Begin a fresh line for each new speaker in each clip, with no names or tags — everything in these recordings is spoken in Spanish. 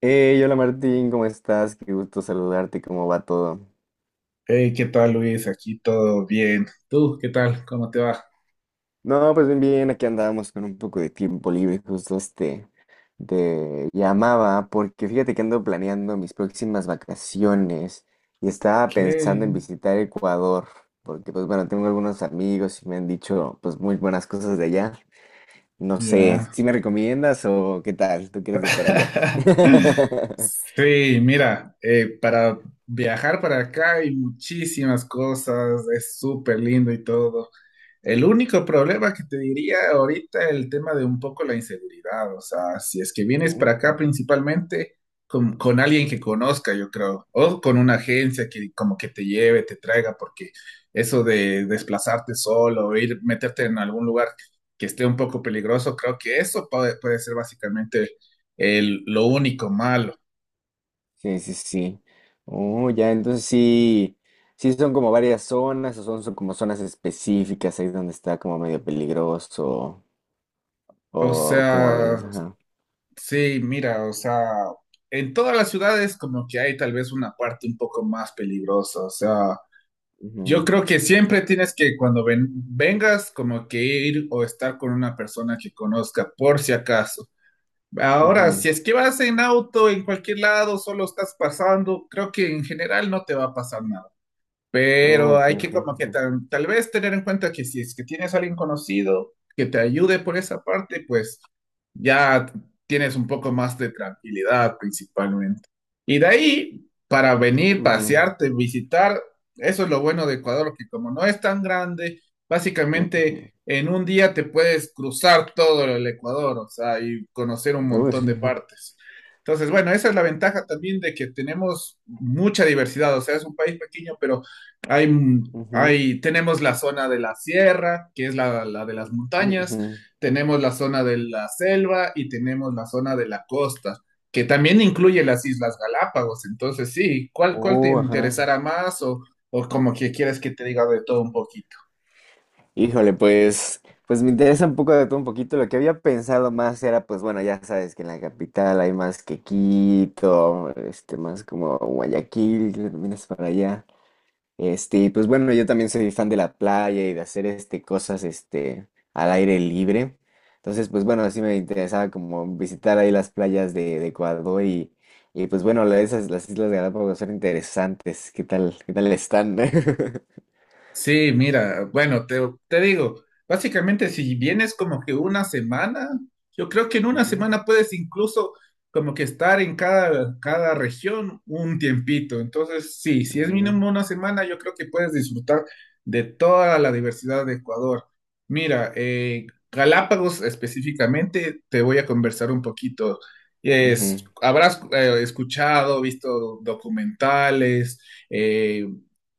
Hey, hola Martín, ¿cómo estás? Qué gusto saludarte, ¿cómo va todo?
Hey, ¿qué tal Luis? Aquí todo bien. ¿Tú qué tal? ¿Cómo te va?
No, pues bien, bien, aquí andábamos con un poco de tiempo libre, justo te llamaba porque fíjate que ando planeando mis próximas vacaciones y estaba pensando en
¿Qué?
visitar Ecuador, porque pues bueno, tengo algunos amigos y me han dicho pues muy buenas cosas de allá. No sé,
Ya.
¿si me recomiendas o qué tal? ¿Tú quieres de para allá?
Sí, mira, para viajar para acá hay muchísimas cosas, es súper lindo y todo. El único problema que te diría ahorita el tema de un poco la inseguridad, o sea, si es que vienes
Uh.
para acá principalmente con alguien que conozca, yo creo, o con una agencia que como que te lleve, te traiga, porque eso de desplazarte solo, o ir, meterte en algún lugar que esté un poco peligroso, creo que eso puede ser básicamente lo único malo.
Sí, sí, sí. Oh, ya, entonces sí, sí son como varias zonas, o son, son como zonas específicas ahí donde está como medio peligroso,
O
o como
sea,
ves, ajá.
sí, mira, o sea, en todas las ciudades como que hay tal vez una parte un poco más peligrosa, o sea, yo
Ujú,
creo que siempre tienes que cuando vengas como que ir o estar con una persona que conozca por si acaso. Ahora, si
ujú.
es que vas en auto, en cualquier lado, solo estás pasando, creo que en general no te va a pasar nada.
Oh,
Pero
ok,
hay que
ok.
como que tal vez tener en cuenta que si es que tienes a alguien conocido que te ayude por esa parte, pues ya tienes un poco más de tranquilidad principalmente. Y de ahí, para venir,
Ujú,
pasearte, visitar, eso es lo bueno de Ecuador, que como no es tan grande,
ujú, ujú,
básicamente en un día te puedes cruzar todo el Ecuador, o sea, y conocer un montón de
ujú,
partes. Entonces, bueno, esa es la ventaja también de que tenemos mucha diversidad, o sea, es un país pequeño, pero hay, tenemos la zona de la sierra, que es la de las
ujú,
montañas,
ujú.
tenemos la zona de la selva y tenemos la zona de la costa, que también incluye las Islas Galápagos. Entonces, sí, cuál te
Oh, ajá.
interesará más, o como que quieres que te diga de todo un poquito?
Híjole, pues, pues me interesa un poco de todo un poquito. Lo que había pensado más era, pues bueno, ya sabes que en la capital hay más que Quito, más como Guayaquil, que también es para allá. Y pues bueno, yo también soy fan de la playa y de hacer cosas al aire libre. Entonces, pues bueno, sí me interesaba como visitar ahí las playas de Ecuador y pues bueno, esas, las Islas Galápagos son interesantes. ¿Qué tal? ¿Qué tal están?
Sí, mira, bueno, te digo, básicamente si vienes como que una semana, yo creo que en una
Ujú,
semana puedes incluso como que estar en cada región un tiempito. Entonces, sí, si es
ujú,
mínimo una semana, yo creo que puedes disfrutar de toda la diversidad de Ecuador. Mira, Galápagos específicamente, te voy a conversar un poquito.
ujú,
Es, habrás escuchado, visto documentales, eh,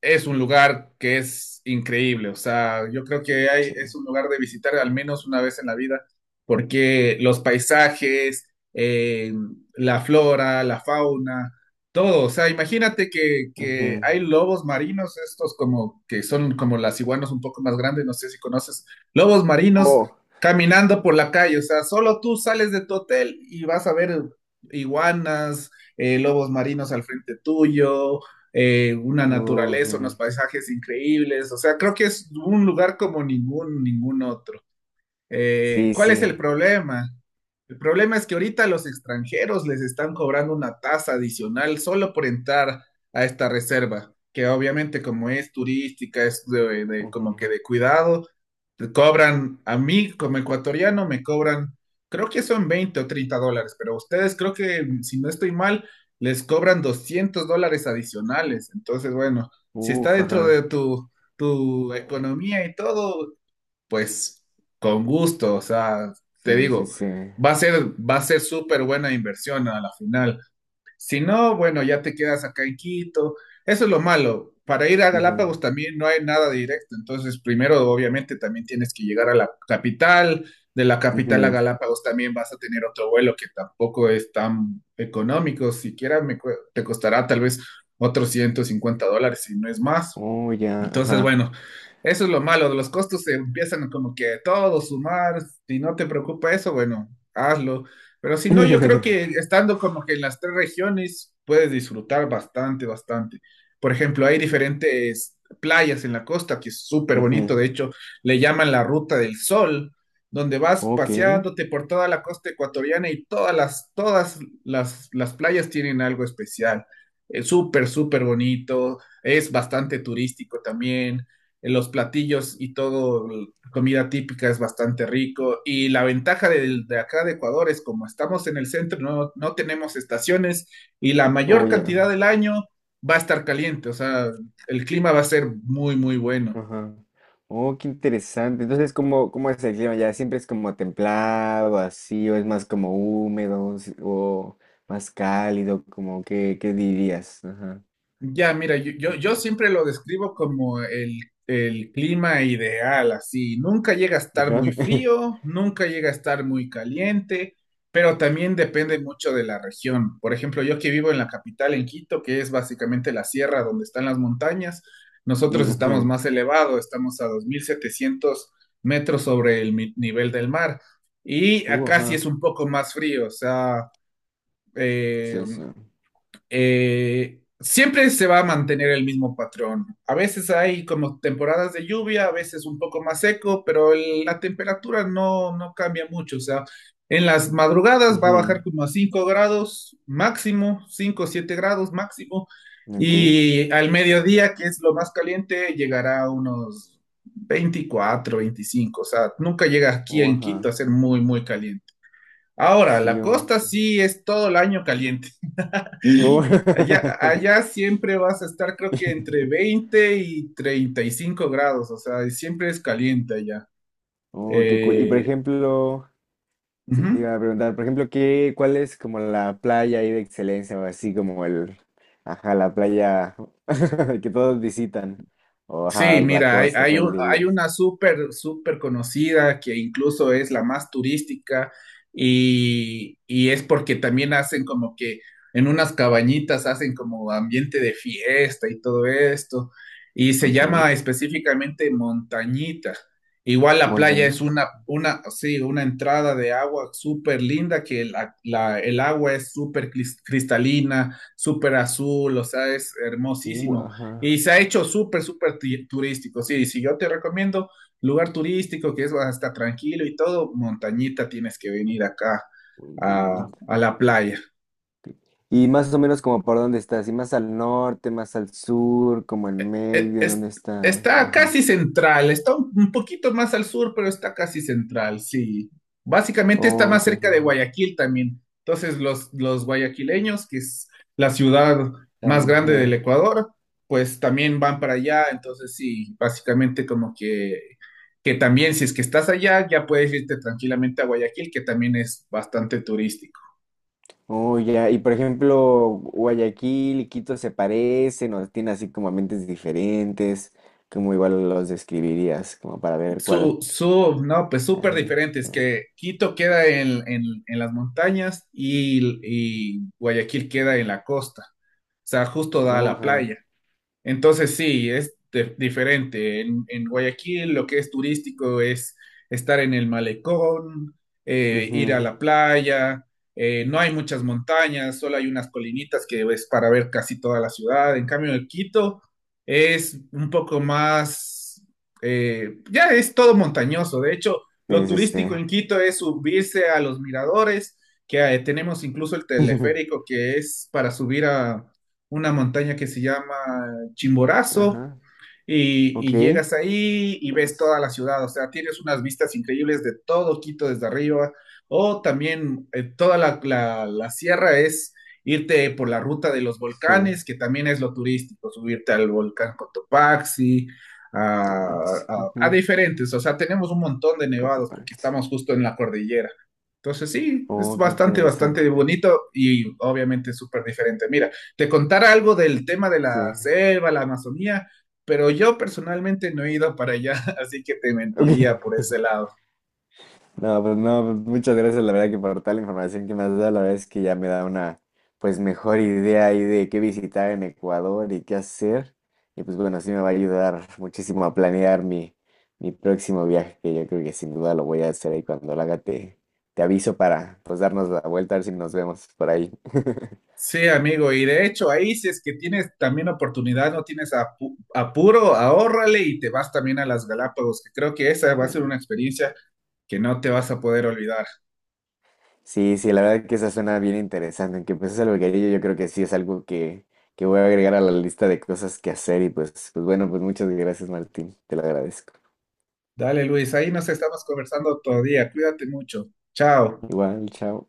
es un lugar que es increíble. O sea, yo creo que hay,
sí.
es un lugar de visitar al menos una vez en la vida, porque los paisajes, eh, la flora, la fauna, todo. O sea, imagínate que
Ujú.
hay lobos marinos, estos como que son como las iguanas un poco más grandes, no sé si conoces, lobos marinos
Oh,
caminando por la calle. O sea, solo tú sales de tu hotel y vas a ver iguanas, lobos marinos al frente tuyo, una
oh,
naturaleza, unos
ujú.
paisajes increíbles, o sea, creo que es un lugar como ningún otro.
Sí,
¿Cuál es
sí.
el problema? El problema es que ahorita los extranjeros les están cobrando una tasa adicional solo por entrar a esta reserva, que obviamente como es turística, es como
Ujú.
que de cuidado, te cobran, a mí como ecuatoriano me cobran, creo que son $20 o $30, pero a ustedes creo que, si no estoy mal, les cobran $200 adicionales. Entonces, bueno, si está
Uf,
dentro de
ajá.
tu economía y todo, pues con gusto, o sea, te
Sí, sí,
digo,
sí.
va a ser, va a ser súper buena inversión a la final. Si no, bueno, ya te quedas acá en Quito. Eso es lo malo. Para ir a
Ujú.
Galápagos también no hay nada directo. Entonces, primero, obviamente, también tienes que llegar a la capital. De la capital a
Ujú.
Galápagos también vas a tener otro vuelo que tampoco es tan económico. Siquiera te costará tal vez otros $150, si no es más.
Oh, ya,
Entonces,
ajá.
bueno, eso es lo malo, los costos se empiezan como que a todo sumar, si no te preocupa eso, bueno, hazlo. Pero si no, yo creo que estando como que en las tres regiones puedes disfrutar bastante, bastante. Por ejemplo, hay diferentes playas en la costa que es súper bonito, de
Ujú.
hecho, le llaman la Ruta del Sol, donde vas
Ok.
paseándote por toda la costa ecuatoriana y todas las playas tienen algo especial. Es súper, súper bonito, es bastante turístico también, los platillos y todo, comida típica es bastante rico y la ventaja del de acá de Ecuador es como estamos en el centro, no tenemos estaciones y la mayor
Oh, ya.
cantidad del año va a estar caliente, o sea, el clima va a ser muy, muy bueno.
Ajá. Oh, qué interesante. Entonces, ¿cómo, cómo es el clima? ¿Ya siempre es como templado, así, o es más como húmedo, o más cálido? Como, ¿qué, qué dirías? Ajá.
Ya, mira,
Ok.
yo siempre lo describo como el clima ideal, así. Nunca llega a estar
Ajá.
muy frío, nunca llega a estar muy caliente, pero también depende mucho de la región. Por ejemplo, yo que vivo en la capital, en Quito, que es básicamente la sierra donde están las montañas, nosotros
Ujú.
estamos más elevados, estamos a 2700 metros sobre el nivel del mar. Y acá sí
Ajá.
es un poco más frío, o sea... eh,
Sí, sí.
siempre se va a mantener el mismo patrón. A veces hay como temporadas de lluvia, a veces un poco más seco, pero la temperatura no cambia mucho. O sea, en las madrugadas va a bajar como a 5 grados máximo, 5 o 7 grados máximo,
Ok.
y al mediodía, que es lo más caliente, llegará a unos 24, 25. O sea, nunca llega aquí
Oh,
en
ajá.
Quito a ser muy, muy caliente. Ahora,
Sí,
la
o
costa
ujú.
sí es todo el año caliente.
Oh,
Allá siempre vas a estar, creo que entre 20 y 35 grados, o sea, siempre es caliente allá.
oh, qué cool. Y por
Eh,
ejemplo, sí,
ujú.
te iba a preguntar, por ejemplo, ¿qué, cuál es como la playa ahí de excelencia o así como el, ajá, la playa que todos visitan? O
Sí,
ajá, la
mira,
costa, ¿cuál
hay
dirías?
una súper, súper conocida que incluso es la más turística y es porque también hacen como que en unas cabañitas hacen como ambiente de fiesta y todo esto y se
Ok.
llama específicamente Montañita. Igual la playa es
Montañita.
sí, una entrada de agua súper linda que el agua es súper cristalina, súper azul, o sea, es hermosísimo. Y
Ajá.
se ha hecho súper, súper turístico. Sí, si yo te recomiendo lugar turístico que es hasta tranquilo y todo, Montañita, tienes que venir acá
Montañita.
a la playa.
Ok. Y más o menos como por dónde está, así más al norte, más al sur, como en
e-
medio, ¿en
es-
dónde está? ¿Eh?
Está
Ajá.
casi central, está un poquito más al sur, pero está casi central, sí. Básicamente está más
Ok.
cerca de Guayaquil también. Entonces, los guayaquileños, que es la ciudad más grande del
Ajá.
Ecuador, pues también van para allá. Entonces, sí, básicamente como que también si es que estás allá, ya puedes irte tranquilamente a Guayaquil, que también es bastante turístico.
Oh, ya. Y por ejemplo, Guayaquil y Quito se parecen o tienen así como ambientes diferentes. ¿Cómo igual los describirías? Como para ver cuál.
No, pues súper
Ajá.
diferentes, que Quito queda en las montañas y Guayaquil queda en la costa. O sea, justo da a
Oh,
la
ajá.
playa. Entonces sí, es diferente. En Guayaquil lo que es turístico es estar en el malecón, ir a
Ujú.
la playa. No hay muchas montañas, solo hay unas colinitas que es para ver casi toda la ciudad. En cambio, en Quito es un poco más, ya es todo montañoso. De hecho, lo
Es
turístico
este.
en Quito es subirse a los miradores, que tenemos incluso el teleférico que es para subir a una montaña que se llama Chimborazo,
Ajá. Ok.
y llegas ahí y ves
Buenas.
toda la ciudad, o sea, tienes unas vistas increíbles de todo Quito desde arriba, o también, toda la sierra es irte por la ruta de los
Sí.
volcanes, que también es lo turístico, subirte al volcán Cotopaxi,
Tomax.
a, a
Ujú.
diferentes, o sea, tenemos un montón de nevados porque
Cotopaxi.
estamos justo en la cordillera. Entonces sí, es
Oh, qué
bastante,
interesante.
bastante bonito y obviamente súper diferente. Mira, te contara algo del tema de
Sí.
la selva, la Amazonía, pero yo personalmente no he ido para allá, así que te
Ok.
mentiría por ese lado.
No, pues no, pues, muchas gracias, la verdad que por toda la información que me has dado, la verdad es que ya me da una pues mejor idea ahí de qué visitar en Ecuador y qué hacer. Y pues bueno, sí me va a ayudar muchísimo a planear mi, mi próximo viaje, que yo creo que sin duda lo voy a hacer ahí cuando lo haga, te aviso para pues darnos la vuelta, a ver si nos vemos por ahí.
Sí, amigo, y de hecho ahí si es que tienes también oportunidad, no tienes apuro, ahórrale y te vas también a las Galápagos, que creo que esa va a ser una experiencia que no te vas a poder olvidar.
Sí, sí, la verdad que esa suena bien interesante. Aunque pues es algo que yo creo que sí es algo que voy a agregar a la lista de cosas que hacer. Y pues, pues bueno, pues muchas gracias, Martín. Te lo agradezco.
Dale, Luis, ahí nos estamos conversando todavía, cuídate mucho. Chao.
Igual, chao.